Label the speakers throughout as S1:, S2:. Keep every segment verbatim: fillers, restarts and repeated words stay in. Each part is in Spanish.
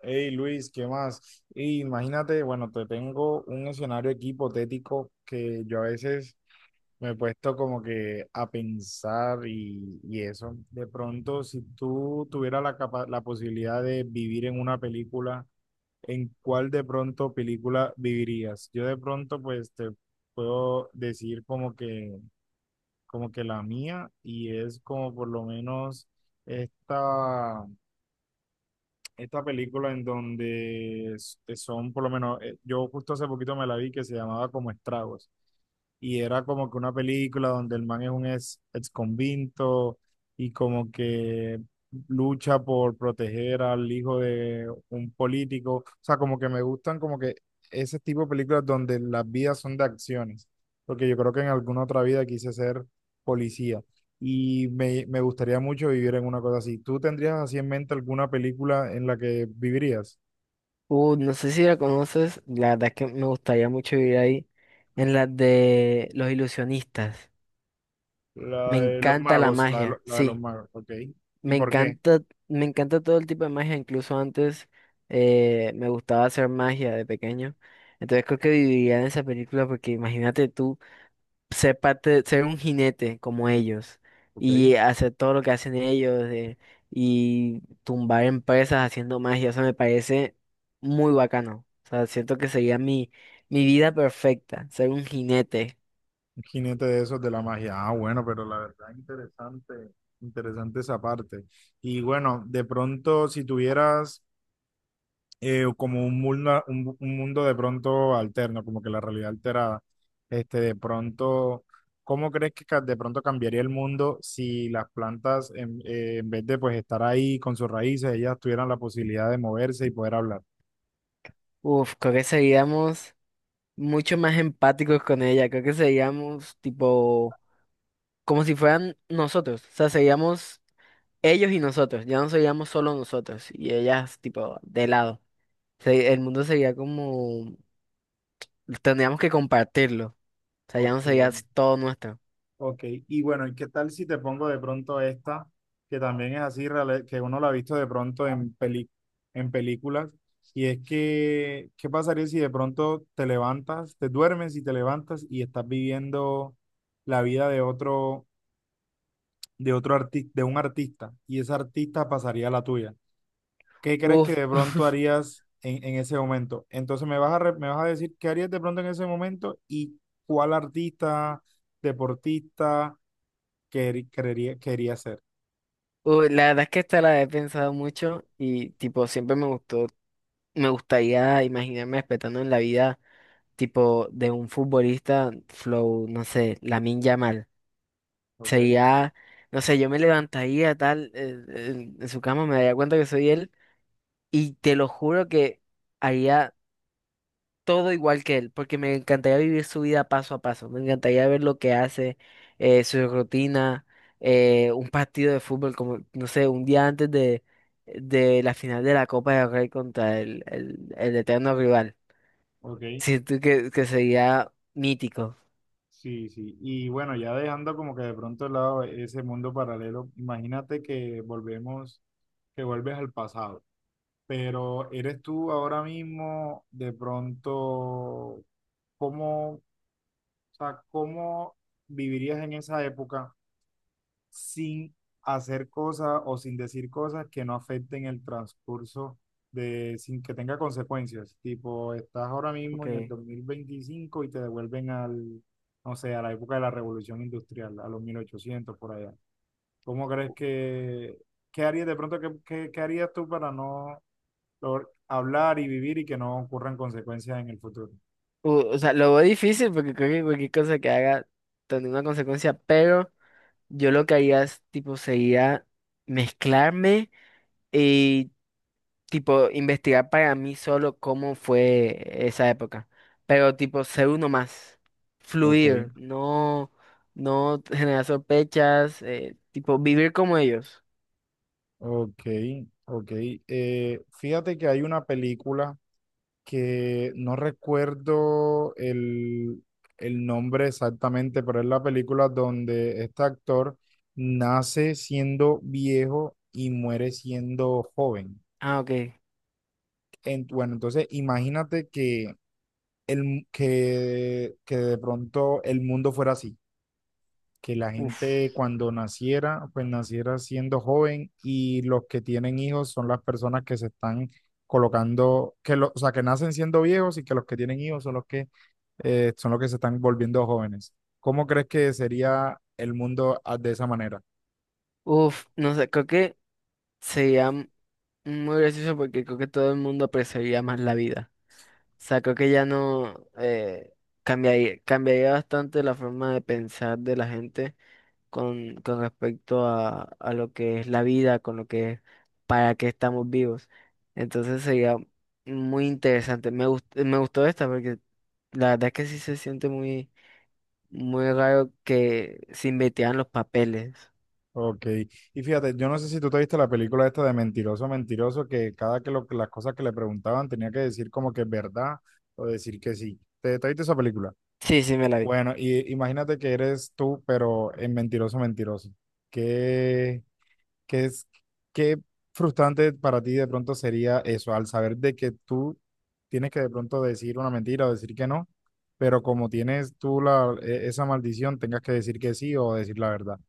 S1: Hey Luis, ¿qué más? Y imagínate, bueno, te tengo un escenario aquí hipotético que yo a veces me he puesto como que a pensar y, y eso. De pronto, si tú tuvieras la, capa- la posibilidad de vivir en una película, ¿en cuál de pronto película vivirías? Yo de pronto, pues te puedo decir como que, como que la mía y es como por lo menos esta esta película en donde s- son, por lo menos, eh, yo justo hace poquito me la vi, que se llamaba como Estragos. Y era como que una película donde el man es un ex, ex convicto y como que lucha por proteger al hijo de un político. O sea, como que me gustan como que ese tipo de películas donde las vidas son de acciones, porque yo creo que en alguna otra vida quise ser policía y me, me gustaría mucho vivir en una cosa así. ¿Tú tendrías así en mente alguna película en la que vivirías?
S2: Uh, no sé si la conoces, la verdad es que me gustaría mucho vivir ahí, en la de los ilusionistas. Me
S1: La de los
S2: encanta la
S1: magos, la de, lo-
S2: magia,
S1: la de los
S2: sí,
S1: magos, ok. ¿Y
S2: me
S1: por qué?
S2: encanta, me encanta todo el tipo de magia, incluso antes eh, me gustaba hacer magia de pequeño. Entonces creo que viviría en esa película porque imagínate tú ser parte, ser un jinete como ellos
S1: Ok,
S2: y hacer todo lo que hacen ellos eh, y tumbar empresas haciendo magia, eso me parece muy bacano. O sea, siento que sería mi, mi vida perfecta, ser un jinete.
S1: un jinete de esos de la magia. Ah, bueno, pero la verdad interesante, interesante esa parte. Y bueno, de pronto si tuvieras eh, como un mundo, un, un mundo de pronto alterno, como que la realidad alterada. Este, de pronto, ¿cómo crees que ca- de pronto cambiaría el mundo si las plantas, en, eh, en vez de pues estar ahí con sus raíces, ellas tuvieran la posibilidad de moverse y poder hablar?
S2: Uf, creo que seríamos mucho más empáticos con ella, creo que seríamos tipo como si fueran nosotros, o sea, seríamos ellos y nosotros, ya no seríamos solo nosotros y ellas tipo de lado. Se- El mundo sería como Tendríamos que compartirlo. O sea, ya
S1: Ok.
S2: no sería todo nuestro.
S1: Ok, y bueno, ¿y qué tal si te pongo de pronto esta, que también es así, reale- que uno la ha visto de pronto en peli, en películas, y es que qué pasaría si de pronto te levantas, te duermes y te levantas y estás viviendo la vida de otro, de otro artista, de un artista, y ese artista pasaría a la tuya? ¿Qué crees que
S2: Uf,
S1: de pronto harías en, en ese momento? Entonces me vas a, re- me vas a decir qué harías de pronto en ese momento y cuál artista, deportista quer- querería- quería hacer.
S2: uf, la verdad es que esta la he pensado mucho y tipo siempre me gustó, me gustaría imaginarme respetando en la vida tipo de un futbolista flow, no sé, Lamine Yamal.
S1: Ok,
S2: Sería, no sé, yo me levantaría tal eh, en en su cama, me daría cuenta que soy él y te lo juro que haría todo igual que él, porque me encantaría vivir su vida paso a paso, me encantaría ver lo que hace, eh, su rutina, eh, un partido de fútbol, como, no sé, un día antes de, de la final de la Copa del Rey contra el, el, el eterno rival.
S1: ok,
S2: Siento que, que sería mítico.
S1: sí, sí. Y bueno, ya dejando como que de pronto de lado ese mundo paralelo, imagínate que volvemos, que vuelves al pasado, pero eres tú ahora mismo de pronto, ¿cómo, o sea, cómo vivirías en esa época, sin hacer cosas o sin decir cosas que no afecten el transcurso de, sin que tenga consecuencias? Tipo, estás ahora mismo en el
S2: Okay.
S1: dos mil veinticinco y te devuelven al, no sé, a la época de la revolución industrial, a los mil ochocientos por allá. ¿Cómo crees que, qué harías de pronto, qué, qué- qué harías tú para no lograr hablar y vivir y que no ocurran consecuencias en el futuro?
S2: U- o sea, lo veo difícil porque creo que cualquier cosa que haga tendría una consecuencia, pero yo lo que haría es, tipo, sería mezclarme. Y tipo, investigar para mí solo cómo fue esa época. Pero, tipo, ser uno más,
S1: Ok,
S2: fluir, no, no generar sospechas, eh, tipo, vivir como ellos.
S1: ok, ok. Eh, fíjate que hay una película que no recuerdo el, el nombre exactamente, pero es la película donde este actor nace siendo viejo y muere siendo joven.
S2: Ah, ok.
S1: En- bueno, entonces imagínate que, el, mu- que, que de pronto el mundo fuera así, que la gente
S2: Uf,
S1: cuando naciera, pues naciera siendo joven, y los que tienen hijos son las personas que se están colocando, que lo, o sea, que nacen siendo viejos y que los que tienen hijos son los que, eh, son los que se están volviendo jóvenes. ¿Cómo crees que sería el mundo a- de esa manera?
S2: uf, no sé, creo que sería m- muy gracioso porque creo que todo el mundo apreciaría más la vida. O sea, creo que ya no eh, cambiaría, cambiaría bastante la forma de pensar de la gente. con, con respecto a, a lo que es la vida, con lo que es para qué estamos vivos. Entonces sería muy interesante. Me gustó, me gustó esta porque la verdad es que sí se siente muy, muy raro que se invirtieran los papeles.
S1: Ok, y fíjate, yo no sé si tú te viste la película esta de Mentiroso, Mentiroso, que cada que lo- las cosas que le preguntaban tenía que decir como que es verdad o decir que sí. ¿Te, te viste esa película?
S2: Sí, sí, me la vi.
S1: Bueno, y imagínate que eres tú, pero en Mentiroso, Mentiroso. ¿Qué, qué es, qué frustrante para ti de pronto sería eso, al saber de que tú tienes que de pronto decir una mentira o decir que no, pero como tienes tú la, e- esa maldición, tengas que decir que sí o decir la verdad?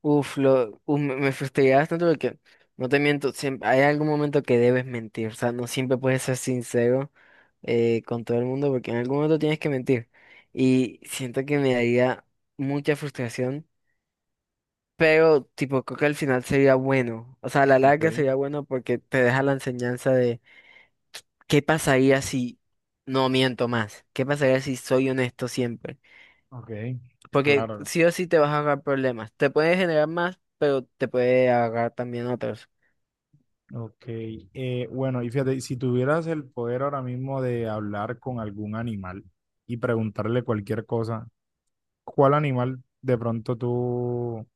S2: Uf, lo, uf, me, me frustré bastante porque, no te miento, siempre, hay algún momento que debes mentir, o sea, no siempre puedes ser sincero eh, con todo el mundo porque en algún momento tienes que mentir. Y siento que me daría mucha frustración. Pero, tipo, creo que al final sería bueno. O sea, a la
S1: Ok,
S2: larga sería bueno porque te deja la enseñanza de qué pasaría si no miento más. ¿Qué pasaría si soy honesto siempre?
S1: ok,
S2: Porque
S1: claro.
S2: sí o sí te vas a agarrar problemas. Te puede generar más, pero te puede agarrar también otros.
S1: Ok, eh, bueno, y fíjate, si tuvieras el poder ahora mismo de hablar con algún animal y preguntarle cualquier cosa, ¿cuál animal de pronto tú,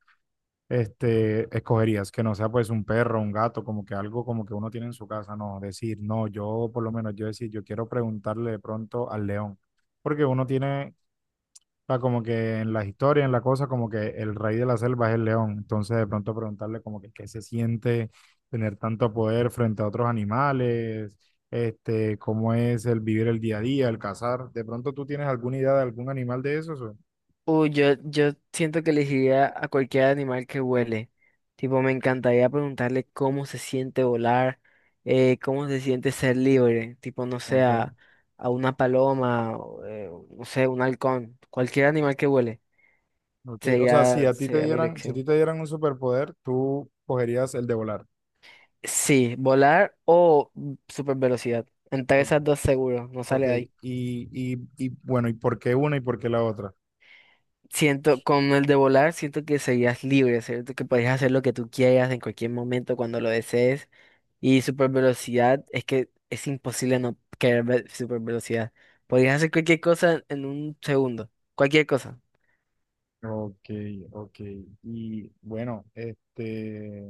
S1: este, escogerías? Que no sea pues un perro, un gato, como que algo como que uno tiene en su casa. No, decir, no, yo por lo menos yo decir, yo quiero preguntarle de pronto al león, porque uno tiene, o sea, como que en las historias, en la cosa, como que el rey de la selva es el león, entonces de pronto preguntarle como que qué se siente tener tanto poder frente a otros animales. Este, cómo es el vivir el día a día, el cazar. ¿De pronto tú tienes alguna idea de algún animal de esos? O-
S2: Uy, yo, yo siento que elegiría a cualquier animal que huele. Tipo, me encantaría preguntarle cómo se siente volar, eh, cómo se siente ser libre. Tipo, no sé, a,
S1: ok.
S2: a una paloma, o, eh, no sé, un halcón. Cualquier animal que huele
S1: Ok, o sea, si
S2: sería,
S1: a ti te
S2: sería mi
S1: dieran, si a ti
S2: elección.
S1: te dieran un superpoder, tú cogerías el de volar.
S2: Sí, volar o super velocidad. Entre
S1: O-
S2: esas dos seguro, no
S1: ok,
S2: sale de ahí.
S1: y, y, y bueno, ¿y por qué una y por qué la otra?
S2: Siento, con el de volar, siento que serías libre, ¿cierto? Que podrías hacer lo que tú quieras en cualquier momento, cuando lo desees. Y super velocidad, es que es imposible no querer ver super velocidad. Podrías hacer cualquier cosa en un segundo. Cualquier cosa.
S1: Ok, ok. Y bueno, este,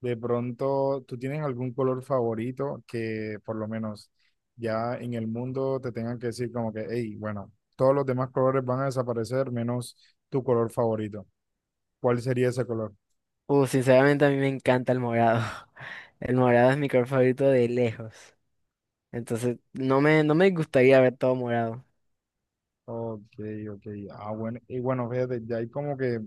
S1: de pronto, ¿tú tienes algún color favorito, que por lo menos ya en el mundo te tengan que decir como que, hey, bueno, todos los demás colores van a desaparecer menos tu color favorito? ¿Cuál sería ese color?
S2: Uh, sinceramente a mí me encanta el morado. El morado es mi color favorito de lejos. Entonces, no me, no me gustaría ver todo morado.
S1: Ok, ok. Ah, bueno. Y bueno, fíjate, ya hay como que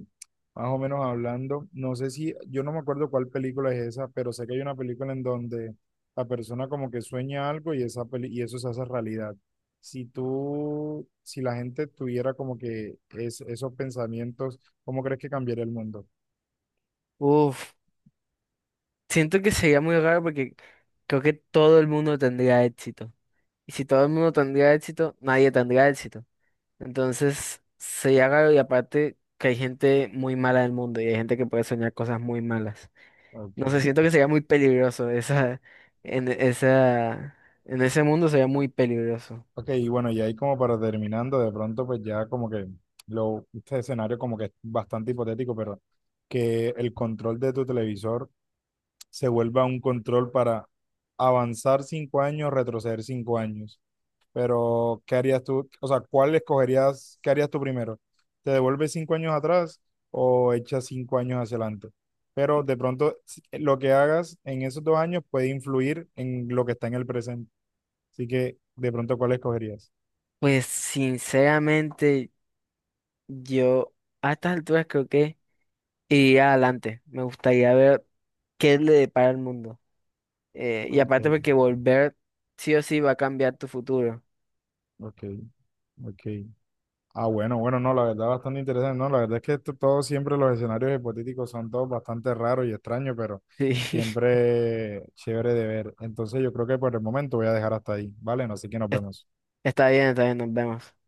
S1: más o menos hablando. No sé si, yo no me acuerdo cuál película es esa, pero sé que hay una película en donde la persona como que sueña algo y esa peli- y eso se hace realidad. Si tú, si la gente tuviera como que es, esos pensamientos, ¿cómo crees que cambiaría el mundo?
S2: Uf, siento que sería muy raro porque creo que todo el mundo tendría éxito. Y si todo el mundo tendría éxito, nadie tendría éxito. Entonces, se haga y aparte que hay gente muy mala del mundo y hay gente que puede soñar cosas muy malas.
S1: Ok.
S2: No sé, siento que sería muy peligroso esa, en esa, en ese mundo sería muy peligroso.
S1: Ok, y bueno, y ahí como para terminando, de pronto pues ya como que lo, este escenario como que es bastante hipotético, pero que el control de tu televisor se vuelva un control para avanzar cinco años, retroceder cinco años. Pero, ¿qué harías tú? O sea, ¿cuál escogerías? ¿Qué harías tú primero? ¿Te devuelves cinco años atrás o echas cinco años hacia adelante? Pero de pronto si- eh, lo que hagas en esos dos años puede influir en lo que está en el presente. Así que, de pronto, ¿cuál escogerías?
S2: Pues sinceramente, yo a estas alturas creo que iría adelante. Me gustaría ver qué le depara el mundo. Eh, y
S1: Ok,
S2: aparte porque volver sí o sí va a cambiar tu futuro.
S1: ok, ok. Ah, bueno, bueno, no, la verdad bastante interesante, no, la verdad es que esto- todos siempre los escenarios hipotéticos son todos bastante raros y extraños, pero
S2: Sí.
S1: siempre chévere de ver. Entonces yo creo que por el momento voy a dejar hasta ahí, ¿vale? No, así que nos vemos.
S2: Está bien, está bien, nos vemos.